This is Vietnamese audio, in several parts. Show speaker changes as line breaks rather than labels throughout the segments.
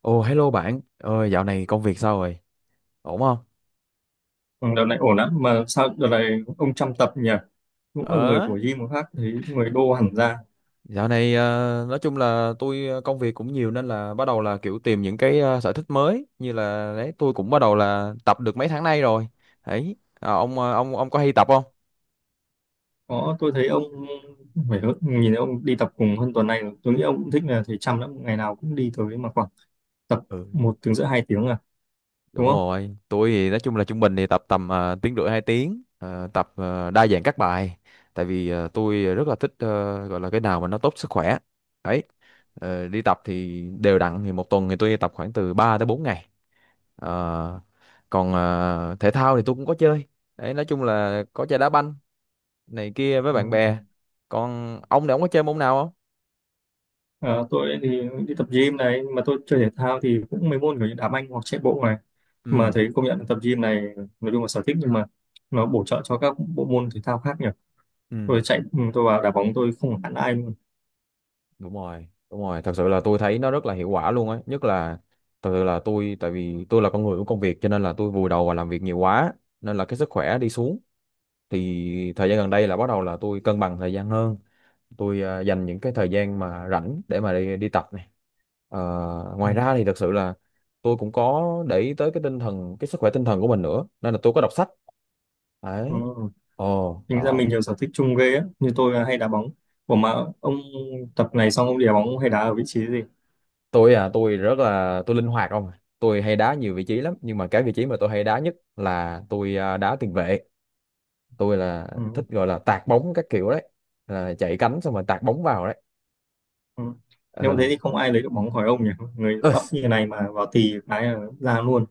Ồ hello bạn, dạo này công việc sao rồi? Ổn không?
Ừ, đợt này ổn lắm mà sao đợt này ông chăm tập nhỉ, cũng là người
Ờ,
của gym mà khác thấy người đô hẳn ra.
Dạo này nói chung là tôi, công việc cũng nhiều nên là bắt đầu là kiểu tìm những cái sở thích mới, như là đấy tôi cũng bắt đầu là tập được mấy tháng nay rồi. Đấy. Ông, ông có hay tập không?
Có, tôi thấy ông nhìn thấy ông đi tập cùng hơn tuần này rồi. Tôi nghĩ ông cũng thích là thầy chăm lắm, ngày nào cũng đi tới mà khoảng tập
Ừ,
một tiếng rưỡi hai tiếng à, đúng
đúng
không?
rồi, tôi thì nói chung là trung bình thì tập tầm tiếng rưỡi 2 tiếng, tập đa dạng các bài tại vì tôi rất là thích, gọi là cái nào mà nó tốt sức khỏe. Đấy. Đi tập thì đều đặn thì một tuần thì tôi tập khoảng từ 3 tới 4 ngày. Ờ, còn thể thao thì tôi cũng có chơi. Đấy, nói chung là có chơi đá banh này kia với
Ừ.
bạn bè. Còn ông này, ông có chơi môn nào không?
Ờ, tôi thì đi tập gym này, nhưng mà tôi chơi thể thao thì cũng mấy môn kiểu như đá banh hoặc chạy bộ này, mà
Ừ,
thấy công nhận là tập gym này, nói chung là sở thích, nhưng mà nó bổ trợ cho các bộ môn thể thao khác nhỉ.
ừ,
Tôi chạy ừ, tôi vào đá bóng tôi không hẳn ai luôn.
đúng rồi, đúng rồi. Thật sự là tôi thấy nó rất là hiệu quả luôn ấy. Nhất là thật sự là tôi, tại vì tôi là con người của công việc cho nên là tôi vùi đầu vào làm việc nhiều quá nên là cái sức khỏe đi xuống. Thì thời gian gần đây là bắt đầu là tôi cân bằng thời gian hơn. Tôi, dành những cái thời gian mà rảnh để mà đi đi tập này. Ờ,
Ừ.
Ngoài ra thì thật sự là tôi cũng có để ý tới cái tinh thần, cái sức khỏe tinh thần của mình nữa nên là tôi có đọc sách
Ừ.
đấy. Ồ
Tính ra
đó.
mình nhiều sở thích chung ghê á, như tôi là hay đá bóng. Ủa mà ông tập này xong ông đi đá bóng ông hay đá ở vị trí gì?
Tôi, tôi rất là, tôi linh hoạt không à. Tôi hay đá nhiều vị trí lắm nhưng mà cái vị trí mà tôi hay đá nhất là tôi, đá tiền vệ. Tôi là
Ừ.
thích gọi là tạt bóng các kiểu đấy, là chạy cánh xong rồi tạt bóng vào đấy.
Ừ. Nếu mà thế thì không ai lấy được bóng khỏi ông nhỉ? Người
Ờ.
bắp như này mà vào tì cái là ra luôn.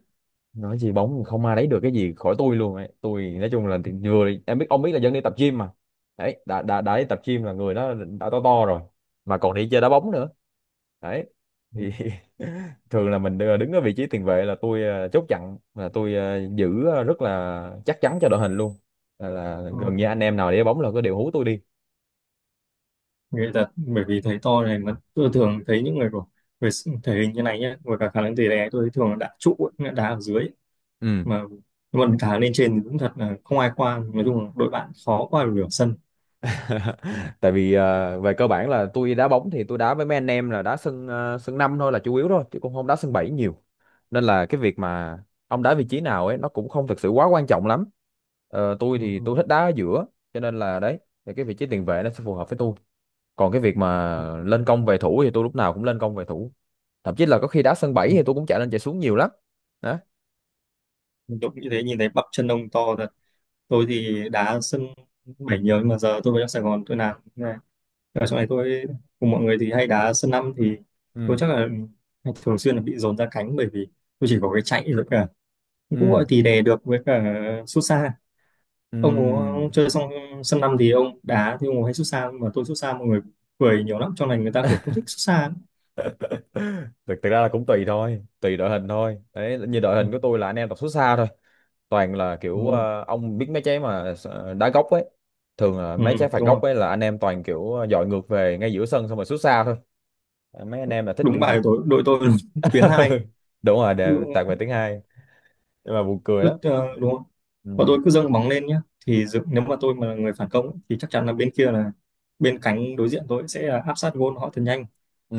Nói gì bóng, không ai lấy được cái gì khỏi tôi luôn ấy. Tôi nói chung là thì vừa em biết, ông biết là dân đi tập gym mà. Đấy, đã đi tập gym là người đó đã to to rồi mà còn đi chơi đá bóng nữa đấy
Ừ.
thì. Thường là mình đứng ở vị trí tiền vệ là tôi chốt chặn, là tôi giữ rất là chắc chắn cho đội hình luôn. Là gần như
Ừ.
anh em nào để bóng là có đều hú tôi đi.
Người thật, bởi vì thấy to này mà tôi thường thấy những người của thể hình như này nhá, với cả khả năng tì đè tôi thấy thường là đá trụ, ấy, nghĩa là đá ở dưới ấy.
Ừ.
Mà nhưng mà đá lên trên thì cũng thật là không ai qua, nói chung là đội bạn khó qua được nửa sân.
Tại vì về cơ bản là tôi đá bóng thì tôi đá với mấy anh em là đá sân, sân 5 thôi là chủ yếu thôi chứ cũng không đá sân 7 nhiều, nên là cái việc mà ông đá vị trí nào ấy nó cũng không thực sự quá quan trọng lắm. Tôi thì
Ừ.
tôi thích đá ở giữa, cho nên là đấy, thì cái vị trí tiền vệ nó sẽ phù hợp với tôi. Còn cái việc mà
Ừ.
lên công về thủ thì tôi lúc nào cũng lên công về thủ. Thậm chí là có khi đá sân 7
Ừ.
thì tôi cũng chạy lên chạy xuống nhiều lắm. Đó.
Đội như thế nhìn thấy bắp chân ông to thật. Tôi thì đá sân bảy nhiều, nhưng mà giờ tôi về trong Sài Gòn tôi làm như này, ở trong này tôi cùng mọi người thì hay đá sân năm, thì
Ừ,
tôi chắc là thường xuyên là bị dồn ra cánh, bởi vì tôi chỉ có cái chạy rồi cả cũng
ừ,
gọi thì đè được với cả sút xa. Ông có
ừ.
chơi xong sân năm thì ông đá thì ông có hay sút xa, nhưng mà tôi sút xa mọi người cười nhiều lắm, trong này người ta kiểu không thích sút xa lắm.
thực thực ra là cũng tùy thôi, tùy đội hình thôi đấy. Như đội
Ừ,
hình của tôi là anh em tập xuất xa thôi, toàn là kiểu
ừ,
ông biết mấy trái mà đá góc ấy, thường là
ừ,
mấy trái phạt
đúng
góc
rồi,
ấy là anh em toàn kiểu dọi ngược về ngay giữa sân xong rồi sút xa thôi. Mấy anh em là thích
đúng
biểu
bài
diễn.
của tôi đội tôi tuyến hai.
Đúng rồi,
Cứ
đều tạt về tiếng hai. Nhưng mà buồn cười
cứ
lắm.
ờ, đúng không, bọn
Ừ.
tôi cứ dâng bóng lên nhá, thì dự, nếu mà tôi mà là người phản công ấy, thì chắc chắn là bên kia là bên cánh đối diện tôi sẽ là áp sát gôn họ thật nhanh.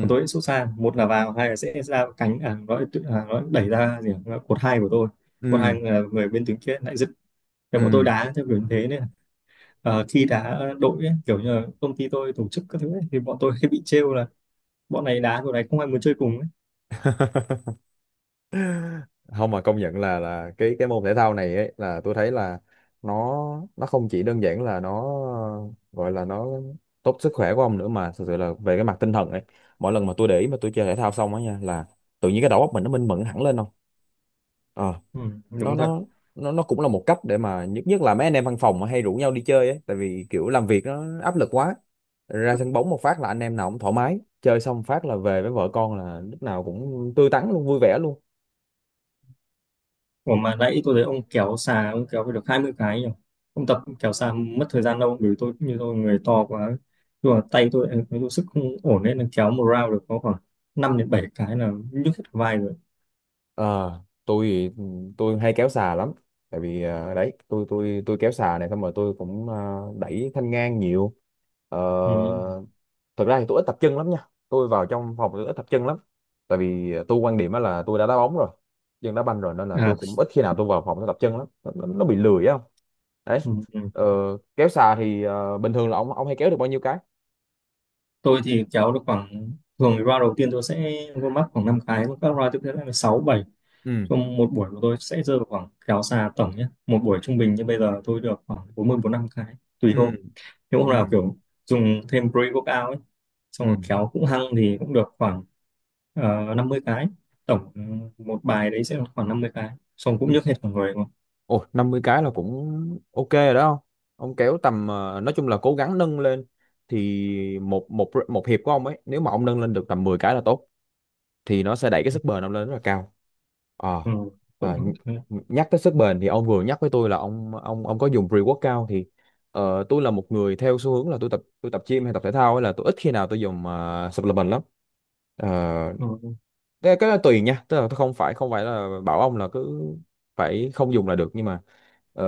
Còn tôi sẽ sút xa, một là vào, hai là sẽ ra cánh à, nó đẩy ra gì nhỉ? Cột hai của tôi, cột hai
ừ,
là người bên tuyến kia lại dứt, thì bọn tôi
ừ.
đá theo kiểu như thế nên khi đá đội ấy, kiểu như là công ty tôi tổ chức các thứ ấy, thì bọn tôi hay bị trêu là bọn này đá bọn này không ai muốn chơi cùng ấy.
Không mà công nhận là cái, môn thể thao này ấy, là tôi thấy là nó, không chỉ đơn giản là nó, gọi là nó tốt sức khỏe của ông nữa mà thực sự là về cái mặt tinh thần ấy, mỗi lần mà tôi để ý mà tôi chơi thể thao xong á nha là tự nhiên cái đầu óc mình nó minh mẫn hẳn lên không. Ờ,
Ừ,
nó
đúng thật.
nó nó cũng là một cách để mà nhất, là mấy anh em văn phòng mà hay rủ nhau đi chơi ấy, tại vì kiểu làm việc nó áp lực quá, ra sân bóng một phát là anh em nào cũng thoải mái chơi xong phát là về với vợ con là lúc nào cũng tươi tắn luôn, vui vẻ luôn.
Ủa mà nãy tôi thấy ông kéo xà, ông kéo phải được 20 cái nhỉ? Ông tập kéo xà mất thời gian đâu, bởi vì tôi như tôi người to quá. Nhưng mà tay tôi, tôi sức không ổn nên là kéo một round được có khoảng 5 đến 7 cái là nhức hết cả vai rồi.
ờ tôi thì- tôi hay kéo xà lắm tại vì đấy, tôi kéo xà này xong rồi tôi cũng đẩy thanh ngang nhiều. Ờ,
Ừ.
Thực ra thì tôi ít tập chân lắm nha. Tôi vào trong phòng tôi ít tập chân lắm tại vì tôi quan điểm á là tôi đã đá bóng rồi, chân đá banh rồi nên là
À,
tôi cũng ít khi nào tôi vào phòng tôi tập chân lắm. Nó bị lười á không. Đấy.
ừ. Ừ.
ờ, Kéo xà thì bình thường là ông hay kéo được bao nhiêu cái?
Tôi thì kéo được khoảng, thường thì round đầu tiên tôi sẽ vô mắc khoảng 5 cái, các round tiếp theo là 6, bảy.
Ừ,
Trong một buổi của tôi sẽ rơi vào khoảng kéo xà tổng nhé. Một buổi trung bình như bây giờ tôi được khoảng 40, 45 cái, tùy hôm.
ừ,
Nếu hôm nào
ừ,
kiểu dùng thêm pre-workout ấy, xong
ừ,
rồi kéo cũng hăng thì cũng được khoảng 50 cái. Tổng một bài đấy sẽ là khoảng 50 cái. Xong
ừ.
cũng nhức hết cả người luôn.
Ồ, 50 cái là cũng ok rồi đó không. Ông kéo tầm, nói chung là cố gắng nâng lên thì một một một hiệp của ông ấy nếu mà ông nâng lên được tầm 10 cái là tốt thì nó sẽ đẩy cái sức bền ông lên rất là cao. Ờ,
Ừ.
ờ, nh-
Cũng, ừ.
Nhắc tới sức bền thì ông vừa nhắc với tôi là ông có dùng pre-workout thì tôi là một người theo xu hướng là tôi tập gym hay tập thể thao ấy là tôi ít khi nào tôi dùng, supplement lắm. Ờ,
Ừ.
cái đó tùy nha, tức là tôi không phải là bảo ông là cứ phải không dùng là được nhưng mà ờ,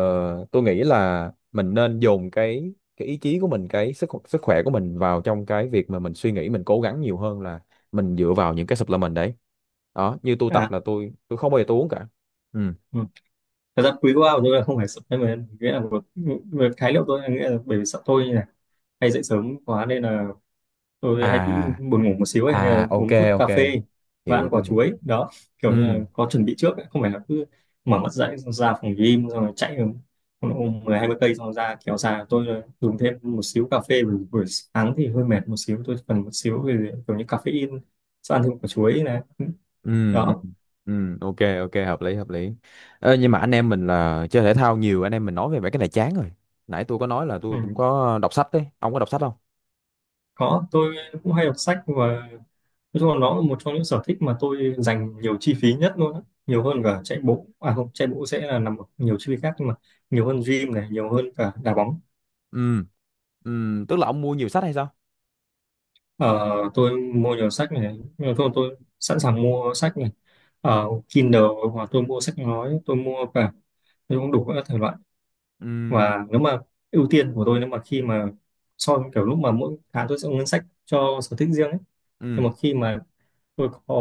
tôi nghĩ là mình nên dồn cái, ý chí của mình, cái sức sức khỏe của mình vào trong cái việc mà mình suy nghĩ, mình cố gắng nhiều hơn là mình dựa vào những cái supplement đấy. Đó, như tôi tập
À,
là tôi không bao giờ tôi uống cả. Ừ.
ừ. Thật ra pre-workout của tôi là không phải supplement, nghĩa là một khái niệm tôi là nghĩa là bởi vì sợ tôi như này hay dậy sớm quá nên là tôi hay bị
À,
buồn ngủ một xíu ấy nên là
à, ok,
uống chút
ok,
cà phê và
hiểu,
ăn quả
tôi hiểu.
chuối đó,
Ừ,
kiểu như là có chuẩn bị trước ấy. Không phải là cứ mở mắt dậy xong ra phòng gym xong rồi chạy ôm 10 20 cây xong rồi ra kéo ra, tôi là dùng thêm một xíu cà phê buổi, buổi sáng thì hơi mệt một xíu, tôi cần một xíu về kiểu như caffeine, sau ăn thêm quả chuối này
ừ, ừ,
đó.
ừ, ok, ok, hợp lý, hợp lý. Ê, nhưng mà anh em mình là chơi thể thao nhiều, anh em mình nói về mấy cái này chán rồi. Nãy tôi có nói là tôi cũng
Ừ.
có đọc sách đấy, ông có đọc sách không?
Có, tôi cũng hay đọc sách. Và nói chung là nó là một trong những sở thích mà tôi dành nhiều chi phí nhất luôn á. Nhiều hơn cả chạy bộ. À không, chạy bộ sẽ là nằm ở nhiều chi phí khác, nhưng mà nhiều hơn gym này, nhiều hơn cả đá bóng.
Ừ, ừ, tức là ông mua nhiều sách hay sao?
Ờ, tôi mua nhiều sách này, nhưng mà thôi tôi sẵn sàng mua sách này. Ờ, Kindle hoặc tôi mua sách nói, tôi mua cả, tôi cũng đủ các thể loại.
Ừ,
Và nếu mà ưu tiên của tôi nếu mà khi mà so với kiểu lúc mà mỗi tháng tôi sẽ có ngân sách cho sở thích riêng ấy.
ừ,
Nhưng mà khi mà tôi có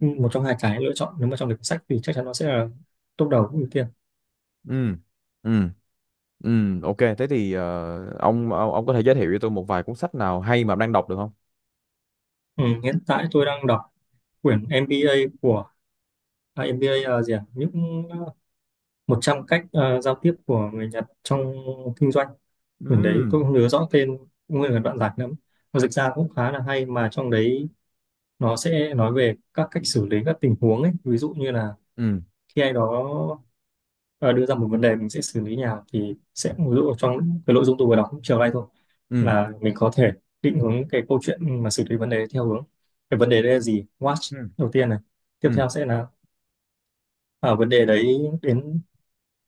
một trong hai cái lựa chọn, nếu mà trong lịch sách thì chắc chắn nó sẽ là top đầu ưu tiên.
ừ, ừ, ừ, ok thế thì, ông, ông có thể giới thiệu cho tôi một vài cuốn sách nào hay mà ông đang đọc được không?
Ừ, hiện tại tôi đang đọc quyển MBA của à, MBA là gì à? Những 100 cách giao tiếp của người Nhật trong kinh doanh.
Ừ,
Quyển đấy tôi không nhớ rõ tên nguyên là đoạn giải lắm, nó dịch ra cũng khá là hay. Mà trong đấy nó sẽ nói về các cách xử lý các tình huống ấy, ví dụ như là
ừ,
khi ai đó đưa ra một vấn đề mình sẽ xử lý như nào, thì sẽ ví dụ trong cái nội dung tôi vừa đọc chiều nay thôi
ừ,
là mình có thể định hướng cái câu chuyện mà xử lý vấn đề theo hướng cái vấn đề đấy là gì, watch
ừ,
đầu tiên này, tiếp
ừ,
theo sẽ là à, vấn đề đấy đến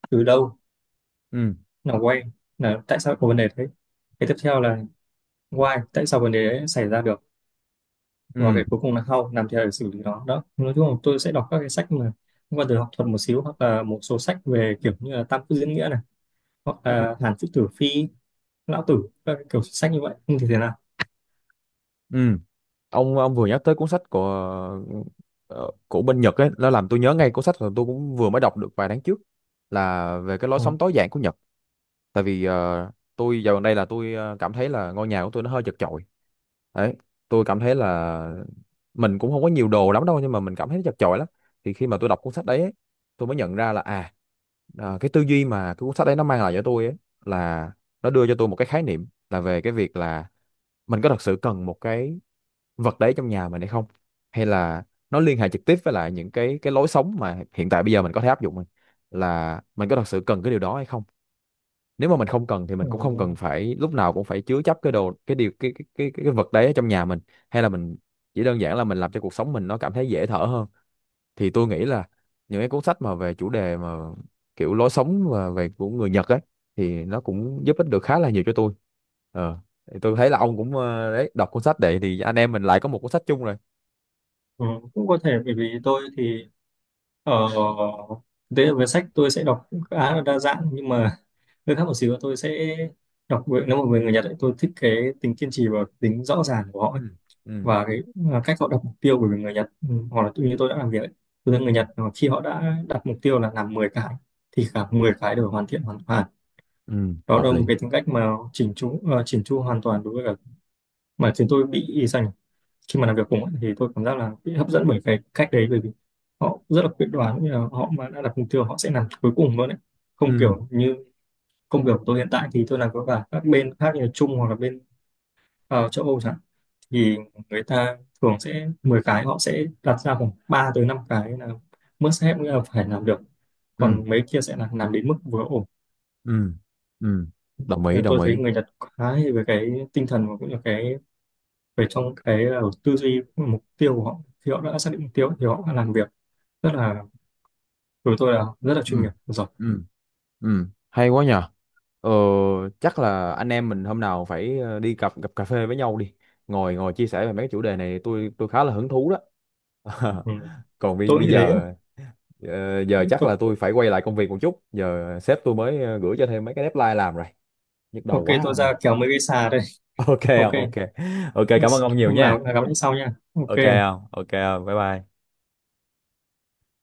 từ đâu,
ừ,
là why là tại sao có vấn đề đấy, cái tiếp theo là why tại sao vấn đề đấy xảy ra được, và
ừ,
cái cuối cùng là how làm thế nào để xử lý nó. Đó, nói chung là tôi sẽ đọc các cái sách mà liên quan tới học thuật một xíu, hoặc là một số sách về kiểu như là tam quốc diễn nghĩa này, hoặc
ừ,
là Hàn Quốc Tử Phi, lão tử, các cái kiểu sách như vậy. Không thì thế nào.
ừ. Ông vừa nhắc tới cuốn sách của, của bên Nhật ấy, nó làm tôi nhớ ngay cuốn sách mà tôi cũng vừa mới đọc được vài tháng trước là về cái lối
Ừ.
sống tối giản của Nhật. Tại vì tôi dạo gần đây là tôi, cảm thấy là ngôi nhà của tôi nó hơi chật chội. Đấy, tôi cảm thấy là mình cũng không có nhiều đồ lắm đâu nhưng mà mình cảm thấy nó chật chội lắm. Thì khi mà tôi đọc cuốn sách đấy ấy, tôi mới nhận ra là à, cái tư duy mà cái cuốn sách đấy nó mang lại cho tôi ấy, là nó đưa cho tôi một cái khái niệm là về cái việc là mình có thật sự cần một cái vật đấy trong nhà mình hay không, hay là nó liên hệ trực tiếp với lại những cái, lối sống mà hiện tại bây giờ mình có thể áp dụng, mình là mình có thật sự cần cái điều đó hay không. Nếu mà mình không cần thì mình
Ừ.
cũng không cần phải lúc nào cũng phải chứa chấp cái đồ, cái điều, vật đấy ở trong nhà mình, hay là mình chỉ đơn giản là mình làm cho cuộc sống mình nó cảm thấy dễ thở hơn. Thì tôi nghĩ là những cái cuốn sách mà về chủ đề mà kiểu lối sống và về của người Nhật ấy thì nó cũng giúp ích được khá là nhiều cho tôi. ờ thì tôi thấy là ông cũng, đấy, đọc cuốn sách đấy thì anh em mình lại có một cuốn sách chung rồi.
Ừ, cũng có thể, bởi vì tôi thì ở thế về sách tôi sẽ đọc cũng khá là đa dạng, nhưng mà hơi khác một xíu là tôi sẽ nếu mà về người Nhật ấy, tôi thích cái tính kiên trì và tính rõ ràng của họ ấy,
Ừ, ừ,
và cái à, cách họ đặt mục tiêu, bởi vì người Nhật ừ, hoặc là tự như tôi đã làm việc ấy, tôi thấy người
ừ,
Nhật mà khi họ đã đặt mục tiêu là làm 10 cái thì cả 10 cái đều hoàn thiện hoàn toàn.
ừ,
Đó
hợp
là một
lý.
cái tính cách mà chỉnh chu chỉnh chu hoàn toàn đối với cả mà chúng tôi bị dành khi mà làm việc cùng ấy, thì tôi cảm giác là bị hấp dẫn bởi cái cách đấy, bởi vì họ rất là quyết đoán, cũng như là họ mà đã đặt mục tiêu họ sẽ làm cuối cùng luôn đấy, không
Ừ,
kiểu như công việc của tôi hiện tại thì tôi làm với cả các bên khác như là Trung hoặc là bên châu Âu chẳng hạn. Thì người ta thường sẽ 10 cái họ sẽ đặt ra khoảng 3 tới 5 cái là must have, nghĩa là phải làm được,
ừ,
còn mấy kia sẽ là làm đến mức vừa ổn.
ừ, ừ, đồng ý,
Nên là
đồng
tôi thấy
ý.
người Nhật khá hay về cái tinh thần và cũng như cái về trong cái tư duy mục tiêu của họ, khi họ đã xác định mục tiêu thì họ đã làm việc rất là, của tôi là rất là
Ừ,
chuyên nghiệp rồi.
ừ, ừ, hay quá nhờ. ờ, Chắc là anh em mình hôm nào phải, đi gặp gặp cà phê với nhau đi, ngồi ngồi chia sẻ về mấy cái chủ đề này, tôi khá là hứng thú đó.
Ừ. Tôi cũng
Bây
như thế.
giờ, giờ chắc là
Ừ,
tôi phải quay lại công việc một chút. Giờ sếp tôi mới, gửi cho thêm mấy cái deadline làm rồi, nhức đầu
ok
quá
tôi
không ơi.
ra kéo mấy cái xà đây.
Ok
Ok.
không, ok. Ok, cảm ơn
Yes.
ông nhiều
Hôm nào
nha.
cũng là gặp lại sau nha.
Ok
Ok.
không, ok không, bye bye.